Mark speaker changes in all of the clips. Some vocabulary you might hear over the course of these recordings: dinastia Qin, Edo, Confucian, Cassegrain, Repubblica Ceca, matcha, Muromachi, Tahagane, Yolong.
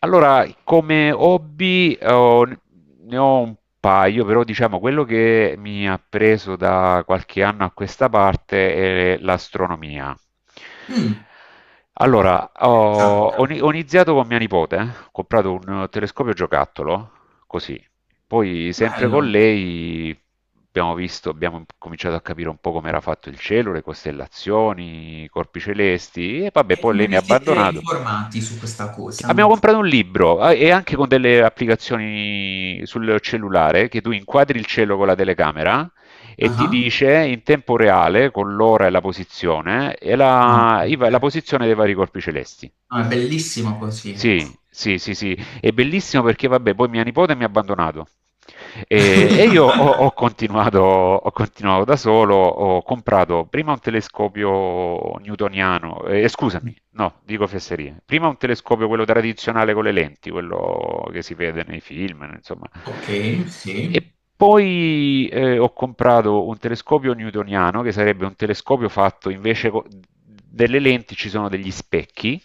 Speaker 1: Allora, come hobby ne ho un paio, però diciamo quello che mi ha preso da qualche anno a questa parte è l'astronomia.
Speaker 2: Mm,
Speaker 1: Allora, ho,
Speaker 2: già,
Speaker 1: ho ni- ho iniziato con mia nipote, ho comprato un telescopio giocattolo, così, poi, sempre con
Speaker 2: bello.
Speaker 1: lei, abbiamo cominciato a capire un po' come era fatto il cielo, le costellazioni, i corpi celesti, e vabbè,
Speaker 2: E
Speaker 1: poi
Speaker 2: come
Speaker 1: lei mi ha
Speaker 2: vi siete
Speaker 1: abbandonato.
Speaker 2: informati su questa cosa?
Speaker 1: Abbiamo comprato un libro, e anche con delle applicazioni sul cellulare che tu inquadri il cielo con la telecamera e ti
Speaker 2: Ah,
Speaker 1: dice in tempo reale con l'ora e la posizione e
Speaker 2: no,
Speaker 1: la, i
Speaker 2: ok.
Speaker 1: va- la posizione dei vari corpi celesti.
Speaker 2: No, è bellissimo così.
Speaker 1: Sì, sì, sì, sì, è bellissimo perché, vabbè, poi mia nipote mi ha abbandonato. E io ho, ho continuato, ho continuato da solo, ho comprato prima un telescopio newtoniano, scusami, no, dico fesserie, prima un telescopio, quello tradizionale con le lenti, quello che si vede nei film, insomma,
Speaker 2: Ok, sì.
Speaker 1: e poi ho comprato un telescopio newtoniano, che sarebbe un telescopio fatto invece delle lenti ci sono degli specchi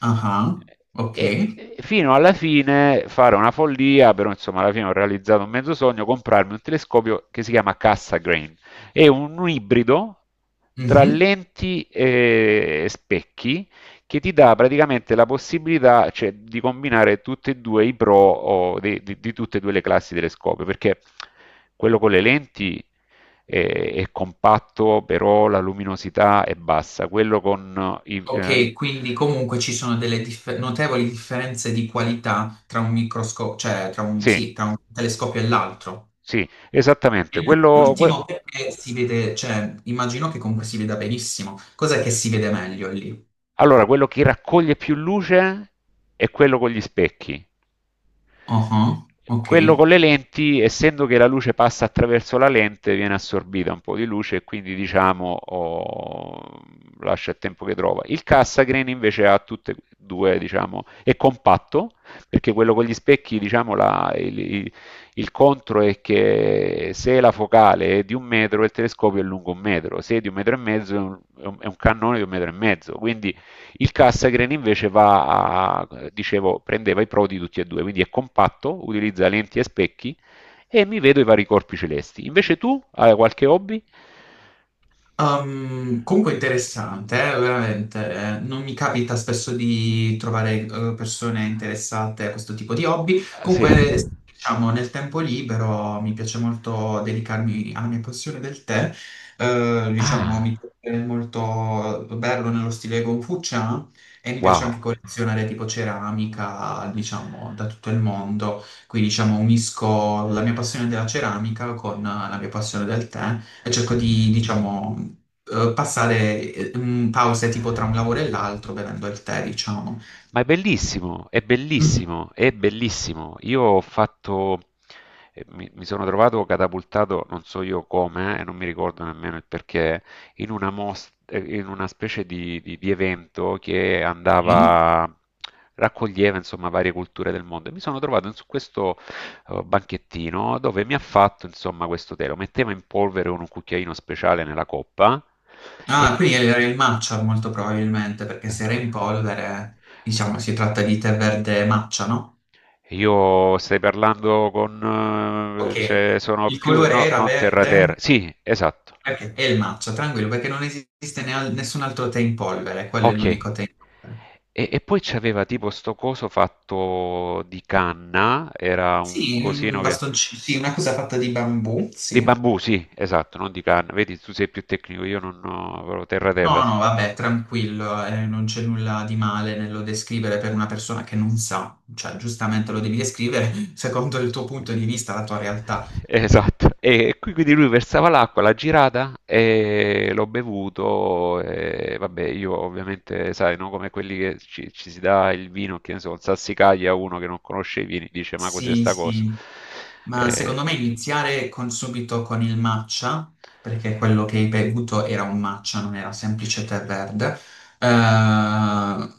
Speaker 2: Ah, ok.
Speaker 1: e fino alla fine fare una follia, però insomma alla fine ho realizzato un mezzo sogno, comprarmi un telescopio che si chiama Cassa Grain. È un ibrido tra
Speaker 2: Mhm.
Speaker 1: lenti e specchi che ti dà praticamente la possibilità, cioè, di combinare tutti e due i pro o di tutte e due le classi telescopio, perché quello con le lenti è, è compatto, però la luminosità è bassa, quello con i.
Speaker 2: Ok, quindi comunque ci sono delle notevoli differenze di qualità tra un microscopio, cioè tra un,
Speaker 1: Sì,
Speaker 2: sì, tra un telescopio e l'altro.
Speaker 1: sì, esattamente.
Speaker 2: E
Speaker 1: Quello, que-
Speaker 2: l'ultimo perché si vede, cioè immagino che comunque si veda benissimo. Cos'è che si vede meglio lì?
Speaker 1: allora, quello che raccoglie più luce è quello con gli specchi.
Speaker 2: Ah, ok.
Speaker 1: Quello con le lenti, essendo che la luce passa attraverso la lente, viene assorbita un po' di luce, e quindi diciamo lascia il tempo che trova. Il Cassagrain invece ha tutte e due, diciamo, è compatto, perché quello con gli specchi, diciamo, il contro è che se la focale è di un metro, il telescopio è lungo un metro, se è di un metro e mezzo, è un cannone di un metro e mezzo. Quindi il Cassagren invece va a, dicevo, prendeva i pro di tutti e due, quindi è compatto, utilizza lenti e specchi e mi vedo i vari corpi celesti. Invece tu hai qualche hobby?
Speaker 2: Comunque interessante, veramente. Non mi capita spesso di trovare persone interessate a questo tipo di hobby.
Speaker 1: Ah, sì.
Speaker 2: Comunque, diciamo, nel tempo libero mi piace molto dedicarmi alla mia passione del tè. Diciamo,
Speaker 1: Ah,
Speaker 2: mi piace molto berlo nello stile Confucian e mi piace
Speaker 1: wow.
Speaker 2: anche collezionare tipo ceramica, diciamo, da tutto il mondo. Qui, diciamo, unisco la mia passione della ceramica con la mia passione del tè e cerco di, diciamo, passare pause tipo tra un lavoro e l'altro bevendo il tè, diciamo.
Speaker 1: Ma è bellissimo, è
Speaker 2: Mhm.
Speaker 1: bellissimo, è bellissimo. Io ho fatto, mi, mi sono trovato catapultato, non so io come, e non mi ricordo nemmeno il perché, in una specie di evento che
Speaker 2: Sì.
Speaker 1: andava, raccoglieva insomma varie culture del mondo. E mi sono trovato su questo banchettino dove mi ha fatto insomma questo tè, lo metteva in polvere con un cucchiaino speciale nella coppa e...
Speaker 2: Ah, quindi era il matcha molto probabilmente, perché se era in polvere, diciamo, si tratta di tè verde matcha, no?
Speaker 1: Io stai parlando con...
Speaker 2: Ok,
Speaker 1: cioè, sono
Speaker 2: il
Speaker 1: più...
Speaker 2: colore
Speaker 1: No,
Speaker 2: era
Speaker 1: non terra terra.
Speaker 2: verde
Speaker 1: Sì, esatto.
Speaker 2: perché è il matcha, tranquillo, perché non esiste nessun altro tè in polvere, quello è
Speaker 1: Ok. E,
Speaker 2: l'unico tè in polvere.
Speaker 1: e poi c'aveva tipo sto coso fatto di canna, era un
Speaker 2: Sì, un
Speaker 1: cosino che...
Speaker 2: bastoncino, sì, una cosa fatta di bambù,
Speaker 1: Di
Speaker 2: sì.
Speaker 1: bambù, sì, esatto, non di canna. Vedi, tu sei più tecnico, io non ho proprio terra terra.
Speaker 2: No, no, vabbè, tranquillo, non c'è nulla di male nello descrivere per una persona che non sa, cioè giustamente lo devi descrivere secondo il tuo punto di vista, la tua realtà.
Speaker 1: Esatto. E qui quindi lui versava l'acqua, l'ha girata e l'ho bevuto. E vabbè, io ovviamente, sai, no, come quelli che ci si dà il vino, che ne so, il sassicaglia a uno che non conosce i vini, dice ma cos'è
Speaker 2: Sì,
Speaker 1: sta cosa?
Speaker 2: sì. Ma
Speaker 1: Eh,
Speaker 2: secondo me iniziare subito con il matcha, perché quello che hai bevuto era un matcha, non era semplice tè verde, eh,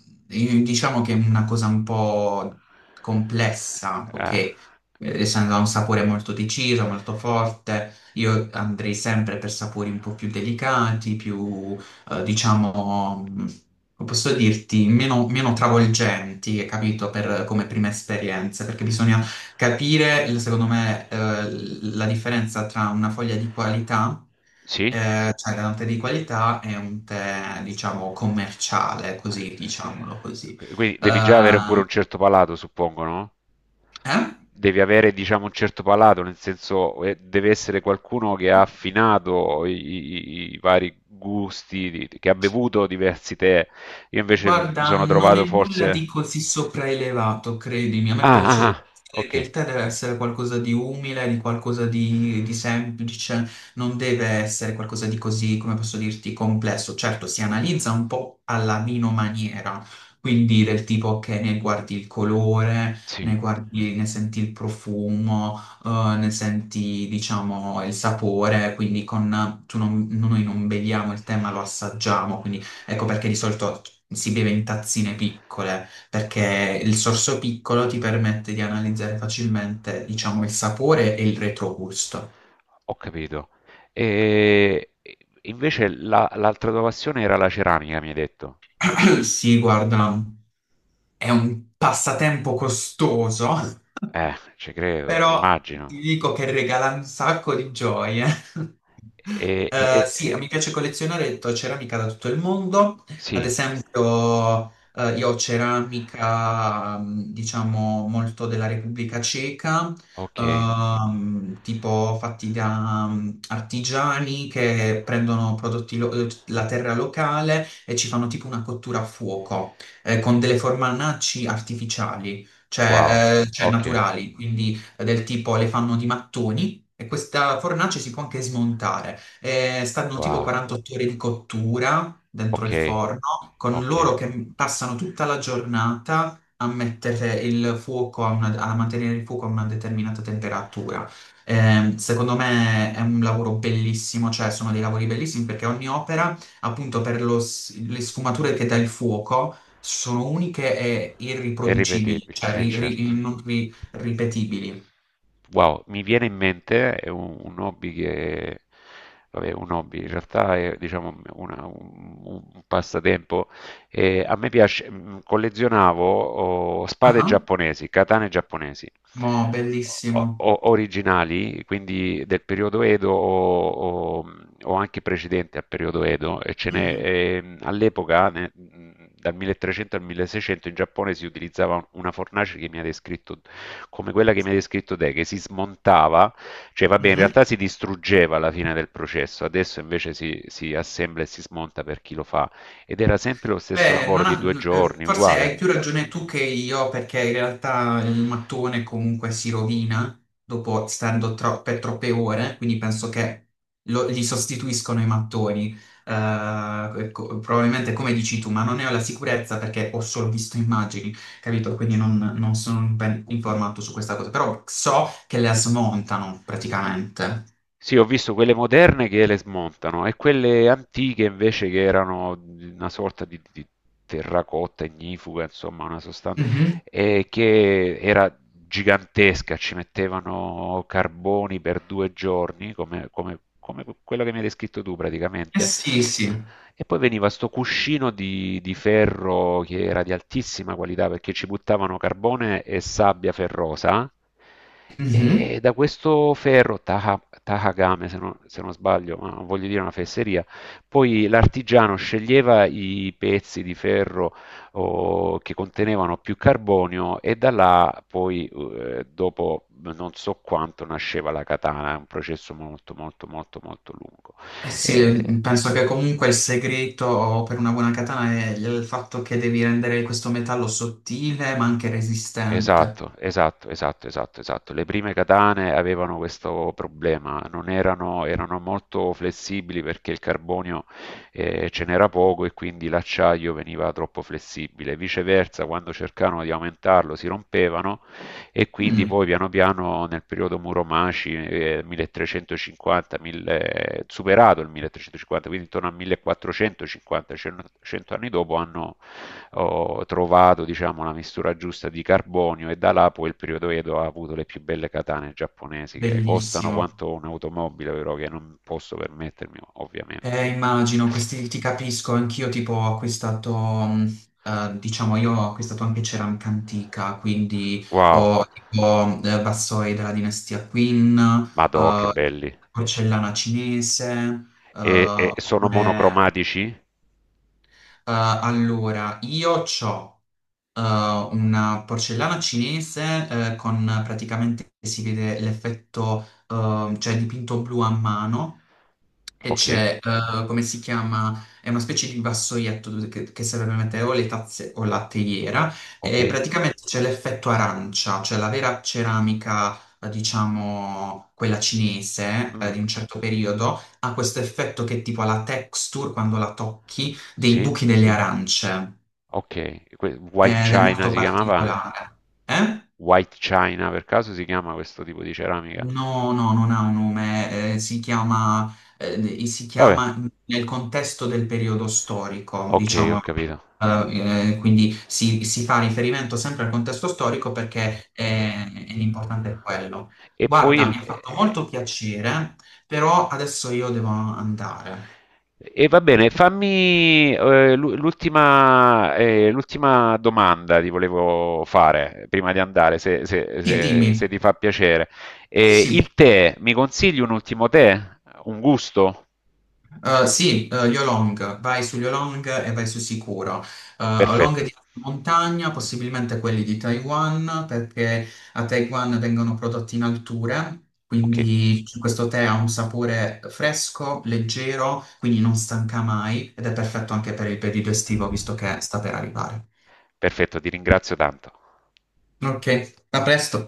Speaker 2: diciamo che è una cosa un po' complessa, ok?
Speaker 1: ah,
Speaker 2: Essendo un sapore molto deciso, molto forte, io andrei sempre per sapori un po' più delicati, più, diciamo, come posso dirti, meno travolgenti, capito, come prima esperienza, perché bisogna capire, secondo me, la differenza tra una foglia di qualità,
Speaker 1: sì?
Speaker 2: cioè da un tè di qualità e un tè, diciamo, commerciale, così,
Speaker 1: Eh,
Speaker 2: diciamolo così.
Speaker 1: Quindi devi già avere pure
Speaker 2: Eh,
Speaker 1: un certo palato, suppongo, no?
Speaker 2: eh?
Speaker 1: Devi avere, diciamo, un certo palato, nel senso, deve essere qualcuno che ha affinato i vari gusti, che ha bevuto diversi tè. Io invece mi
Speaker 2: Guarda,
Speaker 1: sono
Speaker 2: non è
Speaker 1: trovato
Speaker 2: nulla di
Speaker 1: forse...
Speaker 2: così sopraelevato, credimi. A me
Speaker 1: Ah,
Speaker 2: piace
Speaker 1: ah, ah,
Speaker 2: pensare
Speaker 1: ok,
Speaker 2: che il tè deve essere qualcosa di umile, di qualcosa di semplice, non deve essere qualcosa di così, come posso dirti, complesso. Certo, si analizza un po' alla vinomaniera, quindi del tipo che ne guardi il colore, ne
Speaker 1: sì,
Speaker 2: guardi, ne senti il profumo, ne senti, diciamo, il sapore, quindi con, tu non- noi non beviamo il tè, ma lo assaggiamo, quindi. Ecco perché di solito si beve in tazzine piccole, perché il sorso piccolo ti permette di analizzare facilmente, diciamo, il sapore e il retrogusto.
Speaker 1: ho capito. E invece l'altra tua passione era la ceramica, mi hai detto.
Speaker 2: Sì, guarda, è un passatempo costoso,
Speaker 1: Ci credo,
Speaker 2: però ti
Speaker 1: immagino.
Speaker 2: dico che regala un sacco di gioie.
Speaker 1: E, e- e-
Speaker 2: Sì,
Speaker 1: e-
Speaker 2: mi piace collezionare ceramica da tutto il mondo, ad
Speaker 1: Sì.
Speaker 2: esempio io ho ceramica, diciamo, molto della Repubblica Ceca,
Speaker 1: Okay.
Speaker 2: tipo fatti da artigiani che prendono prodotti, la terra locale e ci fanno tipo una cottura a fuoco, con delle formanacci artificiali
Speaker 1: Wow.
Speaker 2: cioè, cioè
Speaker 1: Okay.
Speaker 2: naturali, quindi del tipo le fanno di mattoni e questa fornace si può anche smontare. Stanno tipo
Speaker 1: Wow.
Speaker 2: 48 ore di cottura dentro il
Speaker 1: Okay,
Speaker 2: forno, con
Speaker 1: okay.
Speaker 2: loro che passano tutta la giornata a mettere il fuoco a mantenere il fuoco a una determinata temperatura. Secondo me è un lavoro bellissimo, cioè sono dei lavori bellissimi perché ogni opera, appunto per le sfumature che dà il fuoco, sono uniche e
Speaker 1: È
Speaker 2: irriproducibili,
Speaker 1: irripetibile,
Speaker 2: cioè
Speaker 1: eh
Speaker 2: ri-
Speaker 1: certo.
Speaker 2: ri- non ri- ripetibili.
Speaker 1: Wow, mi viene in mente, è un hobby che, vabbè, un hobby, in realtà è, diciamo, un passatempo. A me piace, collezionavo spade
Speaker 2: Ah,
Speaker 1: giapponesi, katane giapponesi,
Speaker 2: mo, bellissimo.
Speaker 1: originali, quindi del periodo Edo o- o anche precedente al periodo Edo, e ce n'è,
Speaker 2: Mm-mm,
Speaker 1: all'epoca, dal 1300 al 1600 in Giappone si utilizzava una fornace che mi ha descritto come quella che mi hai descritto te, che si smontava, cioè vabbè, in
Speaker 2: mhm.
Speaker 1: realtà si distruggeva alla fine del processo, adesso invece si assembla e si smonta per chi lo fa, ed era sempre lo stesso
Speaker 2: Beh,
Speaker 1: lavoro
Speaker 2: non
Speaker 1: di due
Speaker 2: ha-
Speaker 1: giorni,
Speaker 2: forse
Speaker 1: uguale.
Speaker 2: hai più ragione tu che io, perché in realtà il mattone comunque si rovina dopo stando per troppe ore, quindi penso che gli sostituiscono i mattoni. Eh, ecco, probabilmente come dici tu, ma non ne ho la sicurezza perché ho solo visto immagini, capito? Quindi non sono ben informato su questa cosa, però so che le smontano praticamente.
Speaker 1: Sì, ho visto quelle moderne che le smontano e quelle antiche invece che erano una sorta di terracotta ignifuga, insomma, una sostanza.
Speaker 2: Mhm.
Speaker 1: E che era gigantesca, ci mettevano carboni per 2 giorni, come, come quello che mi hai descritto tu
Speaker 2: Eh
Speaker 1: praticamente.
Speaker 2: sì, sì.
Speaker 1: E poi veniva sto cuscino di ferro che era di altissima qualità perché ci buttavano carbone e sabbia ferrosa.
Speaker 2: Mm-hmm.
Speaker 1: E da questo ferro, Tahagame, se non sbaglio, ma non voglio dire una fesseria, poi l'artigiano sceglieva i pezzi di ferro o che contenevano più carbonio e da là poi dopo non so quanto nasceva la katana, è un processo molto molto molto molto lungo.
Speaker 2: Eh sì,
Speaker 1: Eh,
Speaker 2: penso che comunque il segreto per una buona katana è il fatto che devi rendere questo metallo sottile ma anche resistente.
Speaker 1: Esatto, esatto, esatto, esatto, esatto. Le prime katane avevano questo problema, non erano, erano molto flessibili perché il carbonio ce n'era poco e quindi l'acciaio veniva troppo flessibile. Viceversa, quando cercavano di aumentarlo si rompevano, e quindi
Speaker 2: Mm,
Speaker 1: poi piano piano nel periodo Muromaci 1350, 1000, superato il 1350, quindi intorno al 1450, 100 anni dopo hanno ho trovato, diciamo, la mistura giusta di carbonio, e da là poi il periodo Edo ha avuto le più belle katane giapponesi, che costano
Speaker 2: bellissimo.
Speaker 1: quanto un'automobile, però che non posso permettermi, ovviamente.
Speaker 2: Immagino, questi ti capisco, anch'io tipo ho acquistato, mm, diciamo io ho acquistato anche ceramica antica, quindi
Speaker 1: Wow,
Speaker 2: ho tipo vassoi della dinastia Qin,
Speaker 1: madò, che
Speaker 2: eh,
Speaker 1: belli.
Speaker 2: porcellana cinese,
Speaker 1: E sono
Speaker 2: oppure.
Speaker 1: monocromatici?
Speaker 2: eh, allora, io c'ho... eh, una porcellana cinese con praticamente si vede l'effetto, cioè dipinto blu a mano e
Speaker 1: Ok,
Speaker 2: c'è, come si chiama, è una specie di vassoietto che serve per mettere o le tazze o la teiera
Speaker 1: ok.
Speaker 2: e praticamente c'è l'effetto arancia, cioè la vera ceramica, diciamo, quella cinese,
Speaker 1: Mm,
Speaker 2: di un certo periodo, ha questo effetto che è tipo alla texture quando la tocchi dei
Speaker 1: sì,
Speaker 2: buchi delle arance
Speaker 1: ok. White
Speaker 2: ed è
Speaker 1: China
Speaker 2: molto
Speaker 1: si chiamava?
Speaker 2: particolare. Eh?
Speaker 1: White China per caso si chiama questo tipo di ceramica?
Speaker 2: No, no, non ha un nome, si chiama, eh, si
Speaker 1: Vabbè,
Speaker 2: chiama nel contesto del periodo storico,
Speaker 1: ok, ho
Speaker 2: diciamo.
Speaker 1: capito.
Speaker 2: Quindi si fa riferimento sempre al contesto storico perché l'importante è quello.
Speaker 1: E poi
Speaker 2: Guarda,
Speaker 1: il-
Speaker 2: mi ha fatto molto
Speaker 1: eh,
Speaker 2: piacere, però adesso io devo andare.
Speaker 1: E va bene, fammi l'ultima domanda ti volevo fare prima di andare, se, se-
Speaker 2: Sì,
Speaker 1: se- se
Speaker 2: dimmi.
Speaker 1: ti fa piacere.
Speaker 2: Sì,
Speaker 1: Eh,
Speaker 2: sì.
Speaker 1: il tè, mi consigli un ultimo tè? Un gusto?
Speaker 2: Sì, Yolong, vai su Yolong e vai su sicuro. Yolong di
Speaker 1: Perfetto,
Speaker 2: alta montagna, possibilmente quelli di Taiwan, perché a Taiwan vengono prodotti in alture,
Speaker 1: ok,
Speaker 2: quindi questo tè ha un sapore fresco, leggero, quindi non stanca mai ed è perfetto anche per il periodo estivo, visto che sta per arrivare.
Speaker 1: perfetto, ti ringrazio tanto.
Speaker 2: Ok, a presto.